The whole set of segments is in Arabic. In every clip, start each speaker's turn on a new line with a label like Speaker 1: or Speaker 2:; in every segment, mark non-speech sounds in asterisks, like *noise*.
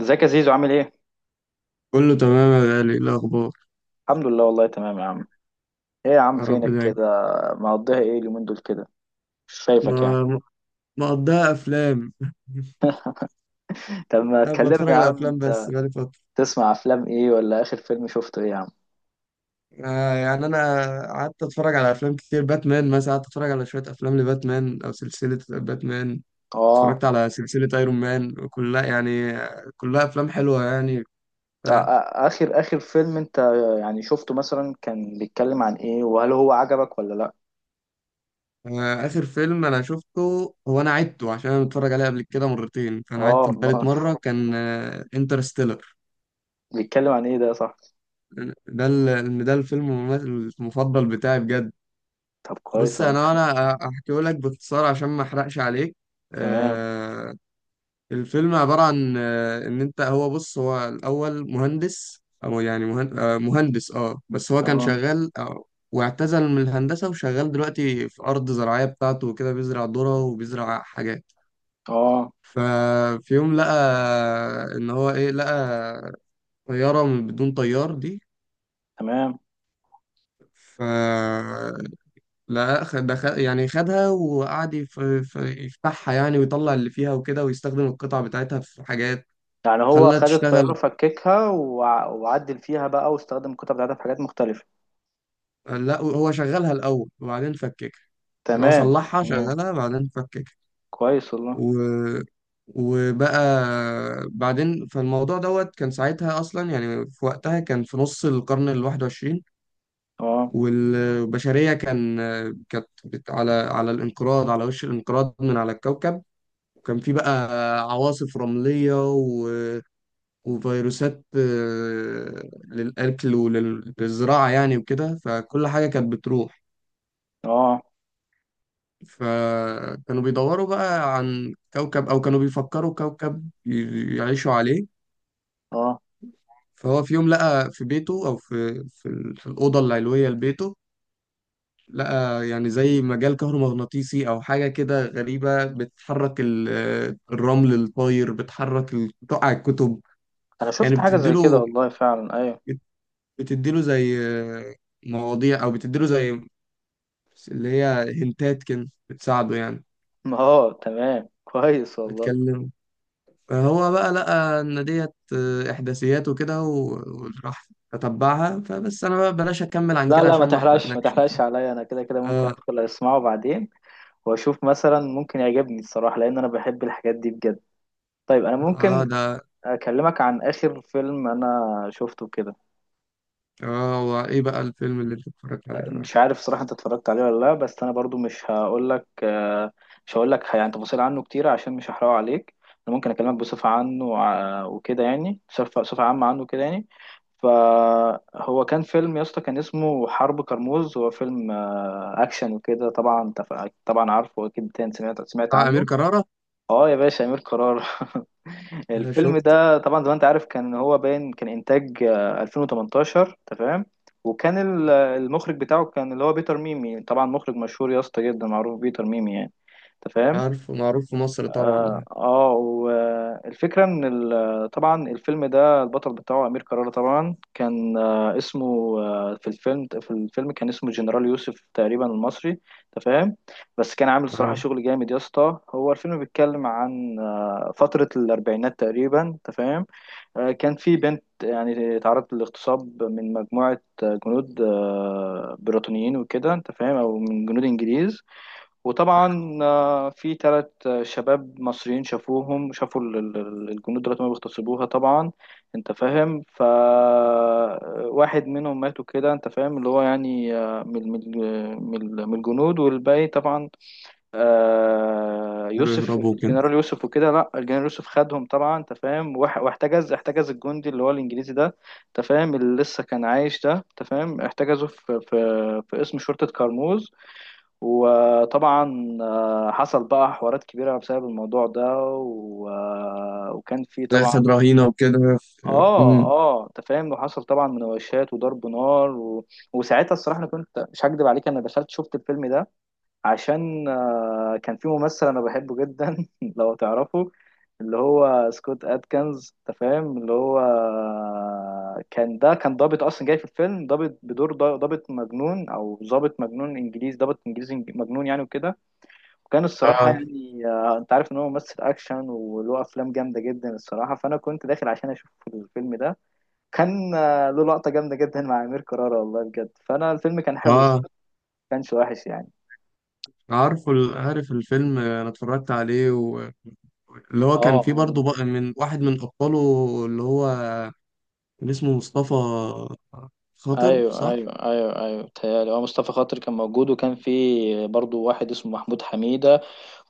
Speaker 1: ازيك يا زيزو عامل ايه؟
Speaker 2: كله تمام يا غالي، إيه الأخبار؟
Speaker 1: الحمد لله والله تمام يا عم. ايه يا عم
Speaker 2: يا رب
Speaker 1: فينك
Speaker 2: دايما.
Speaker 1: كده، مقضيها ايه اليومين دول كده، مش شايفك يعني.
Speaker 2: ما- مقضيها أفلام. *laughs*
Speaker 1: *laughs* طب ما
Speaker 2: أنا
Speaker 1: تكلمنا يا
Speaker 2: بتفرج على
Speaker 1: عم
Speaker 2: أفلام بس
Speaker 1: انت.
Speaker 2: بقالي فترة.
Speaker 1: تسمع افلام ايه، ولا اخر فيلم شفته ايه يا عم؟
Speaker 2: يعني أنا قعدت أتفرج على أفلام كتير، باتمان مثلا، قعدت أتفرج على شوية أفلام لباتمان أو سلسلة باتمان.
Speaker 1: اه.
Speaker 2: اتفرجت على سلسلة أيرون مان كلها يعني، كلها أفلام حلوة يعني. ف-
Speaker 1: اخر فيلم انت يعني شفته مثلا كان بيتكلم عن ايه، وهل هو عجبك ولا لا؟
Speaker 2: آخر فيلم أنا شفته، هو أنا عدته عشان أنا متفرج عليه قبل كده مرتين، فأنا
Speaker 1: اه
Speaker 2: عدته لتالت
Speaker 1: والله،
Speaker 2: مرة، كان انترستيلر.
Speaker 1: بيتكلم عن ايه ده صح؟
Speaker 2: ده الفيلم المفضل بتاعي بجد.
Speaker 1: طب كويس
Speaker 2: بص،
Speaker 1: والله.
Speaker 2: انا احكيه لك باختصار عشان ما احرقش عليك.
Speaker 1: *laughs* تمام.
Speaker 2: آه، الفيلم عباره عن آه ان انت، هو بص، هو الاول مهندس، او يعني مهندس، اه بس هو كان
Speaker 1: اه
Speaker 2: شغال واعتزل من الهندسه، وشغال دلوقتي في ارض زراعيه بتاعته وكده، بيزرع ذره وبيزرع حاجات.
Speaker 1: اه
Speaker 2: ففي يوم لقى، ان هو ايه، لقى طياره من بدون طيار دي.
Speaker 1: تمام.
Speaker 2: ف لا خ- ده خ... يعني خدها وقعد يفتحها يعني ويطلع اللي فيها وكده، ويستخدم القطع بتاعتها في حاجات،
Speaker 1: يعني هو
Speaker 2: وخلاها
Speaker 1: خد الطيارة
Speaker 2: تشتغل.
Speaker 1: فككها وعدل فيها بقى واستخدم الكتب بتاعتها في حاجات مختلفة.
Speaker 2: لا، هو شغلها الأول وبعدين فككها. يعني هو
Speaker 1: تمام.
Speaker 2: صلحها،
Speaker 1: تمام،
Speaker 2: شغلها، بعدين فككها.
Speaker 1: كويس والله.
Speaker 2: و... وبقى بعدين، فالموضوع دوت كان ساعتها أصلا، يعني في وقتها كان في نص القرن الواحد وعشرين.
Speaker 1: اه
Speaker 2: والبشرية كانت على على الانقراض، على وش الانقراض من على الكوكب. وكان في بقى عواصف رملية، وفيروسات للأكل وللزراعة يعني وكده، فكل حاجة كانت بتروح.
Speaker 1: اه
Speaker 2: فكانوا بيدوروا بقى عن كوكب، أو كانوا بيفكروا كوكب يعيشوا عليه.
Speaker 1: اه،
Speaker 2: فهو في يوم لقى في بيته، أو في الأوضة العلوية لبيته، لقى يعني زي مجال كهرومغناطيسي أو حاجة كده غريبة، بتحرك ال- آه، الرمل الطاير، بتقع الكتب
Speaker 1: انا
Speaker 2: يعني،
Speaker 1: شفت حاجة زي كده
Speaker 2: بتديله.
Speaker 1: والله فعلا، ايوه.
Speaker 2: بتديله زي آه، مواضيع، او بتديله زي، بس اللي هي، هنتات كده بتساعده يعني،
Speaker 1: *laughs* اه تمام، كويس والله.
Speaker 2: بتكلمه. فهو بقى لقى إن ديت إحداثيات وكده، وراح أتبعها. فبس أنا بقى بلاش أكمل عن
Speaker 1: لا
Speaker 2: كده
Speaker 1: لا، ما
Speaker 2: عشان ما
Speaker 1: تحرقش ما
Speaker 2: أحرقلكش.
Speaker 1: تحرقش عليا، انا كده كده ممكن
Speaker 2: آه
Speaker 1: ادخل اسمعه بعدين واشوف مثلا ممكن يعجبني الصراحة، لان انا بحب الحاجات دي بجد. طيب انا
Speaker 2: آه
Speaker 1: ممكن
Speaker 2: ده
Speaker 1: اكلمك عن اخر فيلم انا شفته كده.
Speaker 2: آه هو إيه بقى الفيلم اللي أنت اتفرجت عليه صراحة؟
Speaker 1: مش عارف صراحة انت اتفرجت عليه ولا لا، بس انا برضو مش هقول لك، مش هقول لك يعني تفاصيل عنه كتير عشان مش هحرقه عليك. انا ممكن اكلمك بصفة عنه وكده، يعني بصفة عامة عنه كده يعني. فهو كان فيلم يا اسطى، كان اسمه حرب كرموز. هو فيلم اكشن وكده. طبعا انت طبعا عارفه، اكيد انت سمعت
Speaker 2: بتاع أمير
Speaker 1: عنه.
Speaker 2: كرارة.
Speaker 1: اه يا باشا امير قرار. *laughs*
Speaker 2: آه،
Speaker 1: الفيلم
Speaker 2: شفت.
Speaker 1: ده طبعا زي ما انت عارف، كان هو باين كان انتاج 2018. تمام. وكان المخرج بتاعه كان اللي هو بيتر ميمي، طبعا مخرج مشهور يا اسطى جدا، معروف بيتر ميمي يعني، انت فاهم.
Speaker 2: عارف، معروف في مصر
Speaker 1: اه
Speaker 2: طبعا.
Speaker 1: والفكرة ان طبعا الفيلم ده البطل بتاعه امير كرارة، طبعا كان اسمه، في الفيلم كان اسمه جنرال يوسف تقريبا المصري، انت فاهم. بس كان عامل صراحة
Speaker 2: آه.
Speaker 1: شغل جامد يا اسطى. هو الفيلم بيتكلم عن فترة الاربعينات تقريبا، انت فاهم. كان في بنت يعني تعرضت للاغتصاب من مجموعة جنود بريطانيين وكده، انت فاهم، او من جنود انجليز. وطبعا في ثلاث شباب مصريين شافوهم، شافوا الجنود دلوقتي ما بيغتصبوها طبعا، انت فاهم. فواحد منهم ماتوا كده، انت فاهم، اللي هو يعني من الجنود، والباقي طبعا
Speaker 2: قدروا
Speaker 1: يوسف
Speaker 2: يهربوا وكده.
Speaker 1: الجنرال يوسف وكده. لا الجنرال يوسف خدهم طبعا، انت فاهم، واح- واحتجز احتجز الجندي اللي هو الانجليزي ده، انت فاهم، اللي لسه كان عايش ده، انت فاهم، احتجزه في قسم شرطة كرموز. وطبعا حصل بقى حوارات كبيرة بسبب الموضوع ده و... آه، وكان في
Speaker 2: زي
Speaker 1: طبعا.
Speaker 2: خد رهينة وكده.
Speaker 1: اه
Speaker 2: امم.
Speaker 1: اه انت فاهم، وحصل طبعا مناوشات وضرب نار وساعتها الصراحة، انا كنت مش هكدب عليك، انا دخلت شفت الفيلم ده عشان كان في ممثل انا بحبه جدا. *laughs* لو تعرفه، اللي هو سكوت اتكنز، انت فاهم، اللي هو كان ده كان ضابط اصلا جاي في الفيلم، ضابط بدور ضابط مجنون او ضابط مجنون انجليزي، ضابط انجليزي مجنون يعني وكده. وكان الصراحة
Speaker 2: اه
Speaker 1: يعني انت عارف ان هو ممثل اكشن وله افلام جامدة جدا الصراحة، فانا كنت داخل عشان اشوف الفيلم ده. كان له لقطة جامدة جدا مع امير كرارة والله بجد، فانا الفيلم كان حلو
Speaker 2: اه،
Speaker 1: الصراحة، ما كانش وحش يعني.
Speaker 2: عارف الفيلم، آه، انا اتفرجت عليه، اللي هو
Speaker 1: اه
Speaker 2: كان فيه
Speaker 1: اه
Speaker 2: برضه بقى من واحد من أبطاله، اللي هو كان اسمه مصطفى خاطر،
Speaker 1: ايوه
Speaker 2: صح؟
Speaker 1: ايوه ايوه ايوه، بتهيألي هو مصطفى خاطر كان موجود، وكان في برضو واحد اسمه محمود حميدة،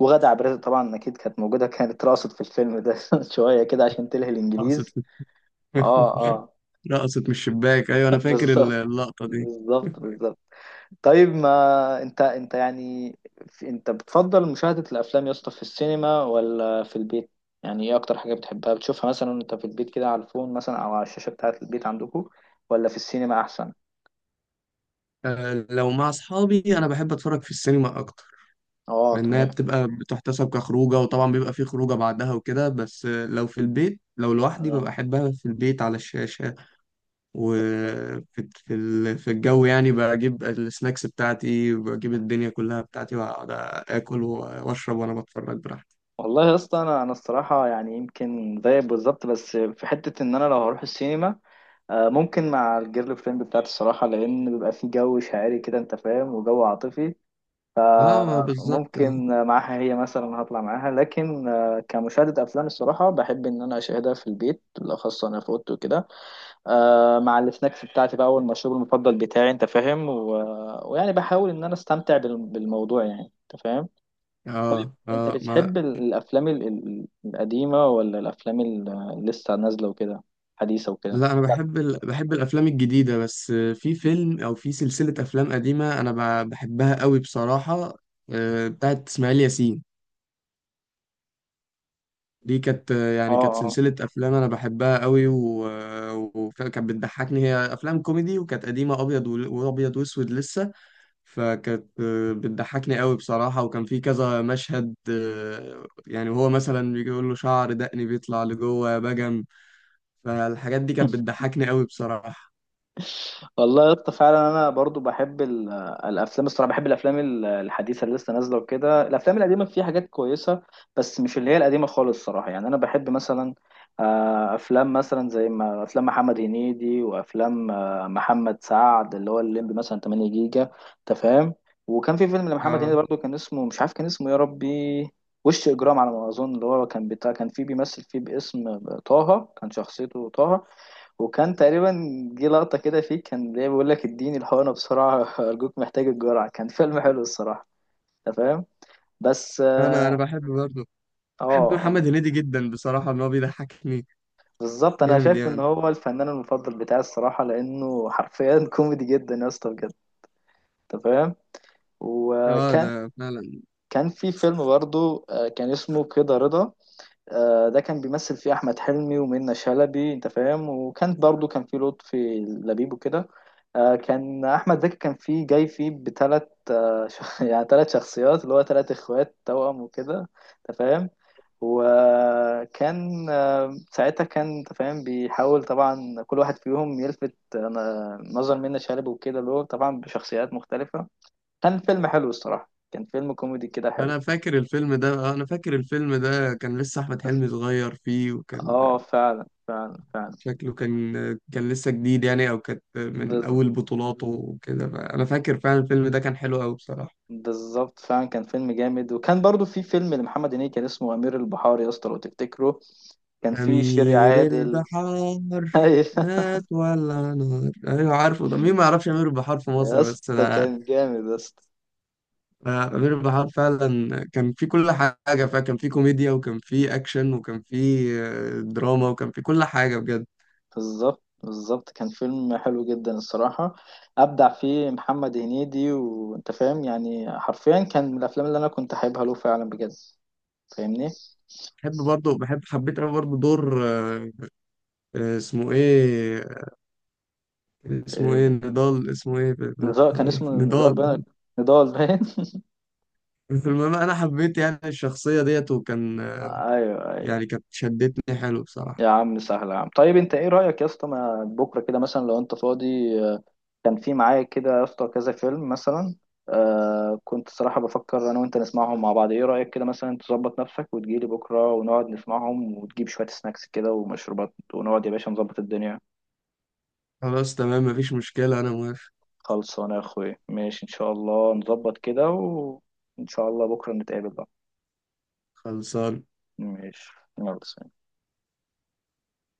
Speaker 1: وغادة عبد الرازق طبعا اكيد كانت موجودة، كانت رقصت في الفيلم ده. *laughs* شوية كده عشان تلهي
Speaker 2: رقصت.
Speaker 1: الانجليز.
Speaker 2: *laughs*
Speaker 1: اه اه
Speaker 2: رقصت من الشباك، أيوه أنا
Speaker 1: *laughs*
Speaker 2: فاكر
Speaker 1: بالظبط،
Speaker 2: اللقطة دي.
Speaker 1: بالظبط بالظبط. طيب، ما انت انت يعني انت بتفضل مشاهدة الافلام يا اسطى في السينما ولا في البيت؟ يعني ايه اكتر حاجة بتحبها بتشوفها مثلا انت في البيت كده على الفون مثلا او على الشاشة بتاعة البيت عندكم؟ ولا في السينما احسن؟
Speaker 2: آه، لو مع أصحابي أنا بحب أتفرج في السينما أكتر،
Speaker 1: اه
Speaker 2: لأنها
Speaker 1: تمام.
Speaker 2: بتبقى بتحتسب كخروجة، وطبعا بيبقى في خروجة بعدها وكده. بس آه، لو في البيت، لو لوحدي، ببقى
Speaker 1: اه
Speaker 2: أحبها في البيت على الشاشة،
Speaker 1: بالظبط.
Speaker 2: وفي، في الجو يعني، بجيب السناكس بتاعتي، بجيب الدنيا كلها بتاعتي، وأقعد آكل وأشرب وأنا بتفرج براحتي.
Speaker 1: والله يا اسطى، انا الصراحة يعني يمكن زيك بالظبط، بس في حتة، ان انا لو هروح السينما ممكن مع الجيرل فريند بتاعتي الصراحة، لأن بيبقى في جو شاعري كده، أنت فاهم، وجو عاطفي.
Speaker 2: اه بالظبط اه.
Speaker 1: ممكن معاها هي مثلا هطلع معاها، لكن كمشاهدة أفلام الصراحة بحب إن أنا أشاهدها في البيت، بالأخص أنا في أوضتي وكده. مع السناكس بتاعتي بقى والمشروب المفضل بتاعي، أنت فاهم، ويعني بحاول إن أنا أستمتع بالموضوع يعني، أنت فاهم.
Speaker 2: اه
Speaker 1: أنت
Speaker 2: آه، ما.
Speaker 1: بتحب الأفلام القديمة ولا الأفلام اللي لسه نازلة وكده، حديثة وكده؟
Speaker 2: لا، انا بحب بحب الافلام الجديده، بس في فيلم او في سلسله افلام قديمه انا بحبها قوي بصراحه. آه، بتاعت اسماعيل ياسين، دي كانت آه،
Speaker 1: اه
Speaker 2: يعني كانت
Speaker 1: اه
Speaker 2: سلسله افلام انا بحبها قوي، وكانت بتضحكني، هي افلام كوميدي، وكانت قديمه، ابيض وابيض واسود لسه. فكانت آه، بتضحكني قوي بصراحه، وكان في كذا مشهد آه، يعني وهو مثلا بيجي يقول له شعر دقني بيطلع لجوه يا بجم. فالحاجات دي كانت
Speaker 1: *laughs*
Speaker 2: بتضحكني قوي بصراحة.
Speaker 1: والله يا اسطى فعلا انا برضو بحب الافلام الصراحه، بحب الافلام الحديثه اللي لسه نازله وكده. الافلام القديمه فيها حاجات كويسه، بس مش اللي هي القديمه خالص الصراحه، يعني انا بحب مثلا افلام، مثلا زي ما افلام محمد هنيدي وافلام محمد سعد اللي هو الليمبي مثلا 8 جيجا، انت فاهم. وكان في فيلم لمحمد
Speaker 2: اه،
Speaker 1: هنيدي برضو كان اسمه، مش عارف كان اسمه إيه يا ربي، وش اجرام على ما اظن، اللي هو كان بتاع كان فيه بيمثل فيه باسم طه، كان شخصيته طه. وكان تقريبا جه لقطة كده فيه كان ليه بيقول لك اديني الحقنة بسرعة، *laughs* أرجوك محتاج الجرعة. كان فيلم حلو الصراحة، أنت فاهم. بس
Speaker 2: انا
Speaker 1: اه
Speaker 2: انا بحب برضه،
Speaker 1: اه
Speaker 2: بحب
Speaker 1: آه.
Speaker 2: محمد هنيدي جدا بصراحة، ان هو بيضحكني،
Speaker 1: بالظبط، أنا
Speaker 2: جامد
Speaker 1: شايف إن
Speaker 2: يعني.
Speaker 1: هو الفنان المفضل بتاعي الصراحة، لأنه حرفيا *laughs* كوميدي جدا يا اسطى بجد، أنت فاهم.
Speaker 2: اه
Speaker 1: وكان
Speaker 2: ده فعلا.
Speaker 1: كان في فيلم برضه كان اسمه كده رضا. ده كان بيمثل فيه احمد حلمي ومنة شلبي، انت فاهم، وكان برضو كان فيه لطفي لبيب وكده. كان احمد زكي كان فيه جاي فيه بثلاث *laughs* يعني ثلاث شخصيات اللي هو ثلاث اخوات توأم وكده، انت فاهم. وكان ساعتها كان، انت فاهم، بيحاول طبعا كل واحد فيهم يلفت نظر منة شلبي وكده، اللي هو طبعا بشخصيات مختلفة. كان فيلم حلو الصراحة، كان فيلم كوميدي كده حلو.
Speaker 2: انا فاكر الفيلم ده، آه، انا فاكر الفيلم ده كان لسه احمد حلمي صغير فيه، وكان
Speaker 1: اه فعلا فعلا
Speaker 2: شكله كان، كان لسه جديد يعني، او كانت من
Speaker 1: فعلا،
Speaker 2: اول بطولاته وكده. انا فاكر فعلا الفيلم ده كان حلو قوي بصراحة.
Speaker 1: بالظبط فعلا كان فيلم جامد. وكان برضو في فيلم لمحمد هنيدي كان اسمه أمير البحار، يا اسطى لو تفتكره، كان فيه شيري
Speaker 2: أمير
Speaker 1: عادل.
Speaker 2: البحار،
Speaker 1: *laughs* أيوة.
Speaker 2: مات ولا نار، أيوة عارفه، ده مين ما يعرفش أمير البحار في
Speaker 1: يا
Speaker 2: مصر، بس
Speaker 1: اسطى
Speaker 2: ده
Speaker 1: كان جامد يا اسطى،
Speaker 2: آه، أمير بحار فعلا كان في كل حاجة، فكان في كوميديا، وكان في أكشن، وكان في آه، دراما، وكان في كل حاجة بجد.
Speaker 1: بالظبط بالظبط، كان فيلم حلو جدا الصراحة، أبدع فيه محمد هنيدي، وأنت فاهم يعني حرفيا كان من الأفلام اللي أنا كنت حاببها له فعلا بجد، فاهمني؟
Speaker 2: بحب برضه، بحب، حبيت أوي برضه دور اسمه إيه، اسمه
Speaker 1: آه،
Speaker 2: إيه، نضال، اسمه إيه
Speaker 1: نزار، كان
Speaker 2: إيه؟
Speaker 1: اسمه نزار
Speaker 2: نضال.
Speaker 1: باين، نضال باين.
Speaker 2: المهم أنا حبيت يعني الشخصية ديت، وكان
Speaker 1: *laughs*
Speaker 2: آه،
Speaker 1: أيوه.
Speaker 2: يعني كانت شدتني حلو بصراحة.
Speaker 1: يا عم سهل يا عم، طيب انت ايه رأيك يا اسطى، ما بكره كده مثلا لو انت فاضي كان في معايا كده يا اسطى كذا فيلم مثلا. آه كنت صراحة بفكر انا وانت نسمعهم مع بعض، ايه رأيك كده مثلا، تظبط نفسك وتجيلي بكره ونقعد نسمعهم، وتجيب شوية سناكس كده ومشروبات، ونقعد يا باشا نظبط الدنيا.
Speaker 2: خلاص تمام، مفيش مشكلة، أنا موافق.
Speaker 1: خلصانه يا اخويا، ماشي ان شاء الله نظبط كده، وان شاء الله بكره نتقابل بقى.
Speaker 2: خلصان.
Speaker 1: ماشي، يلا سلام.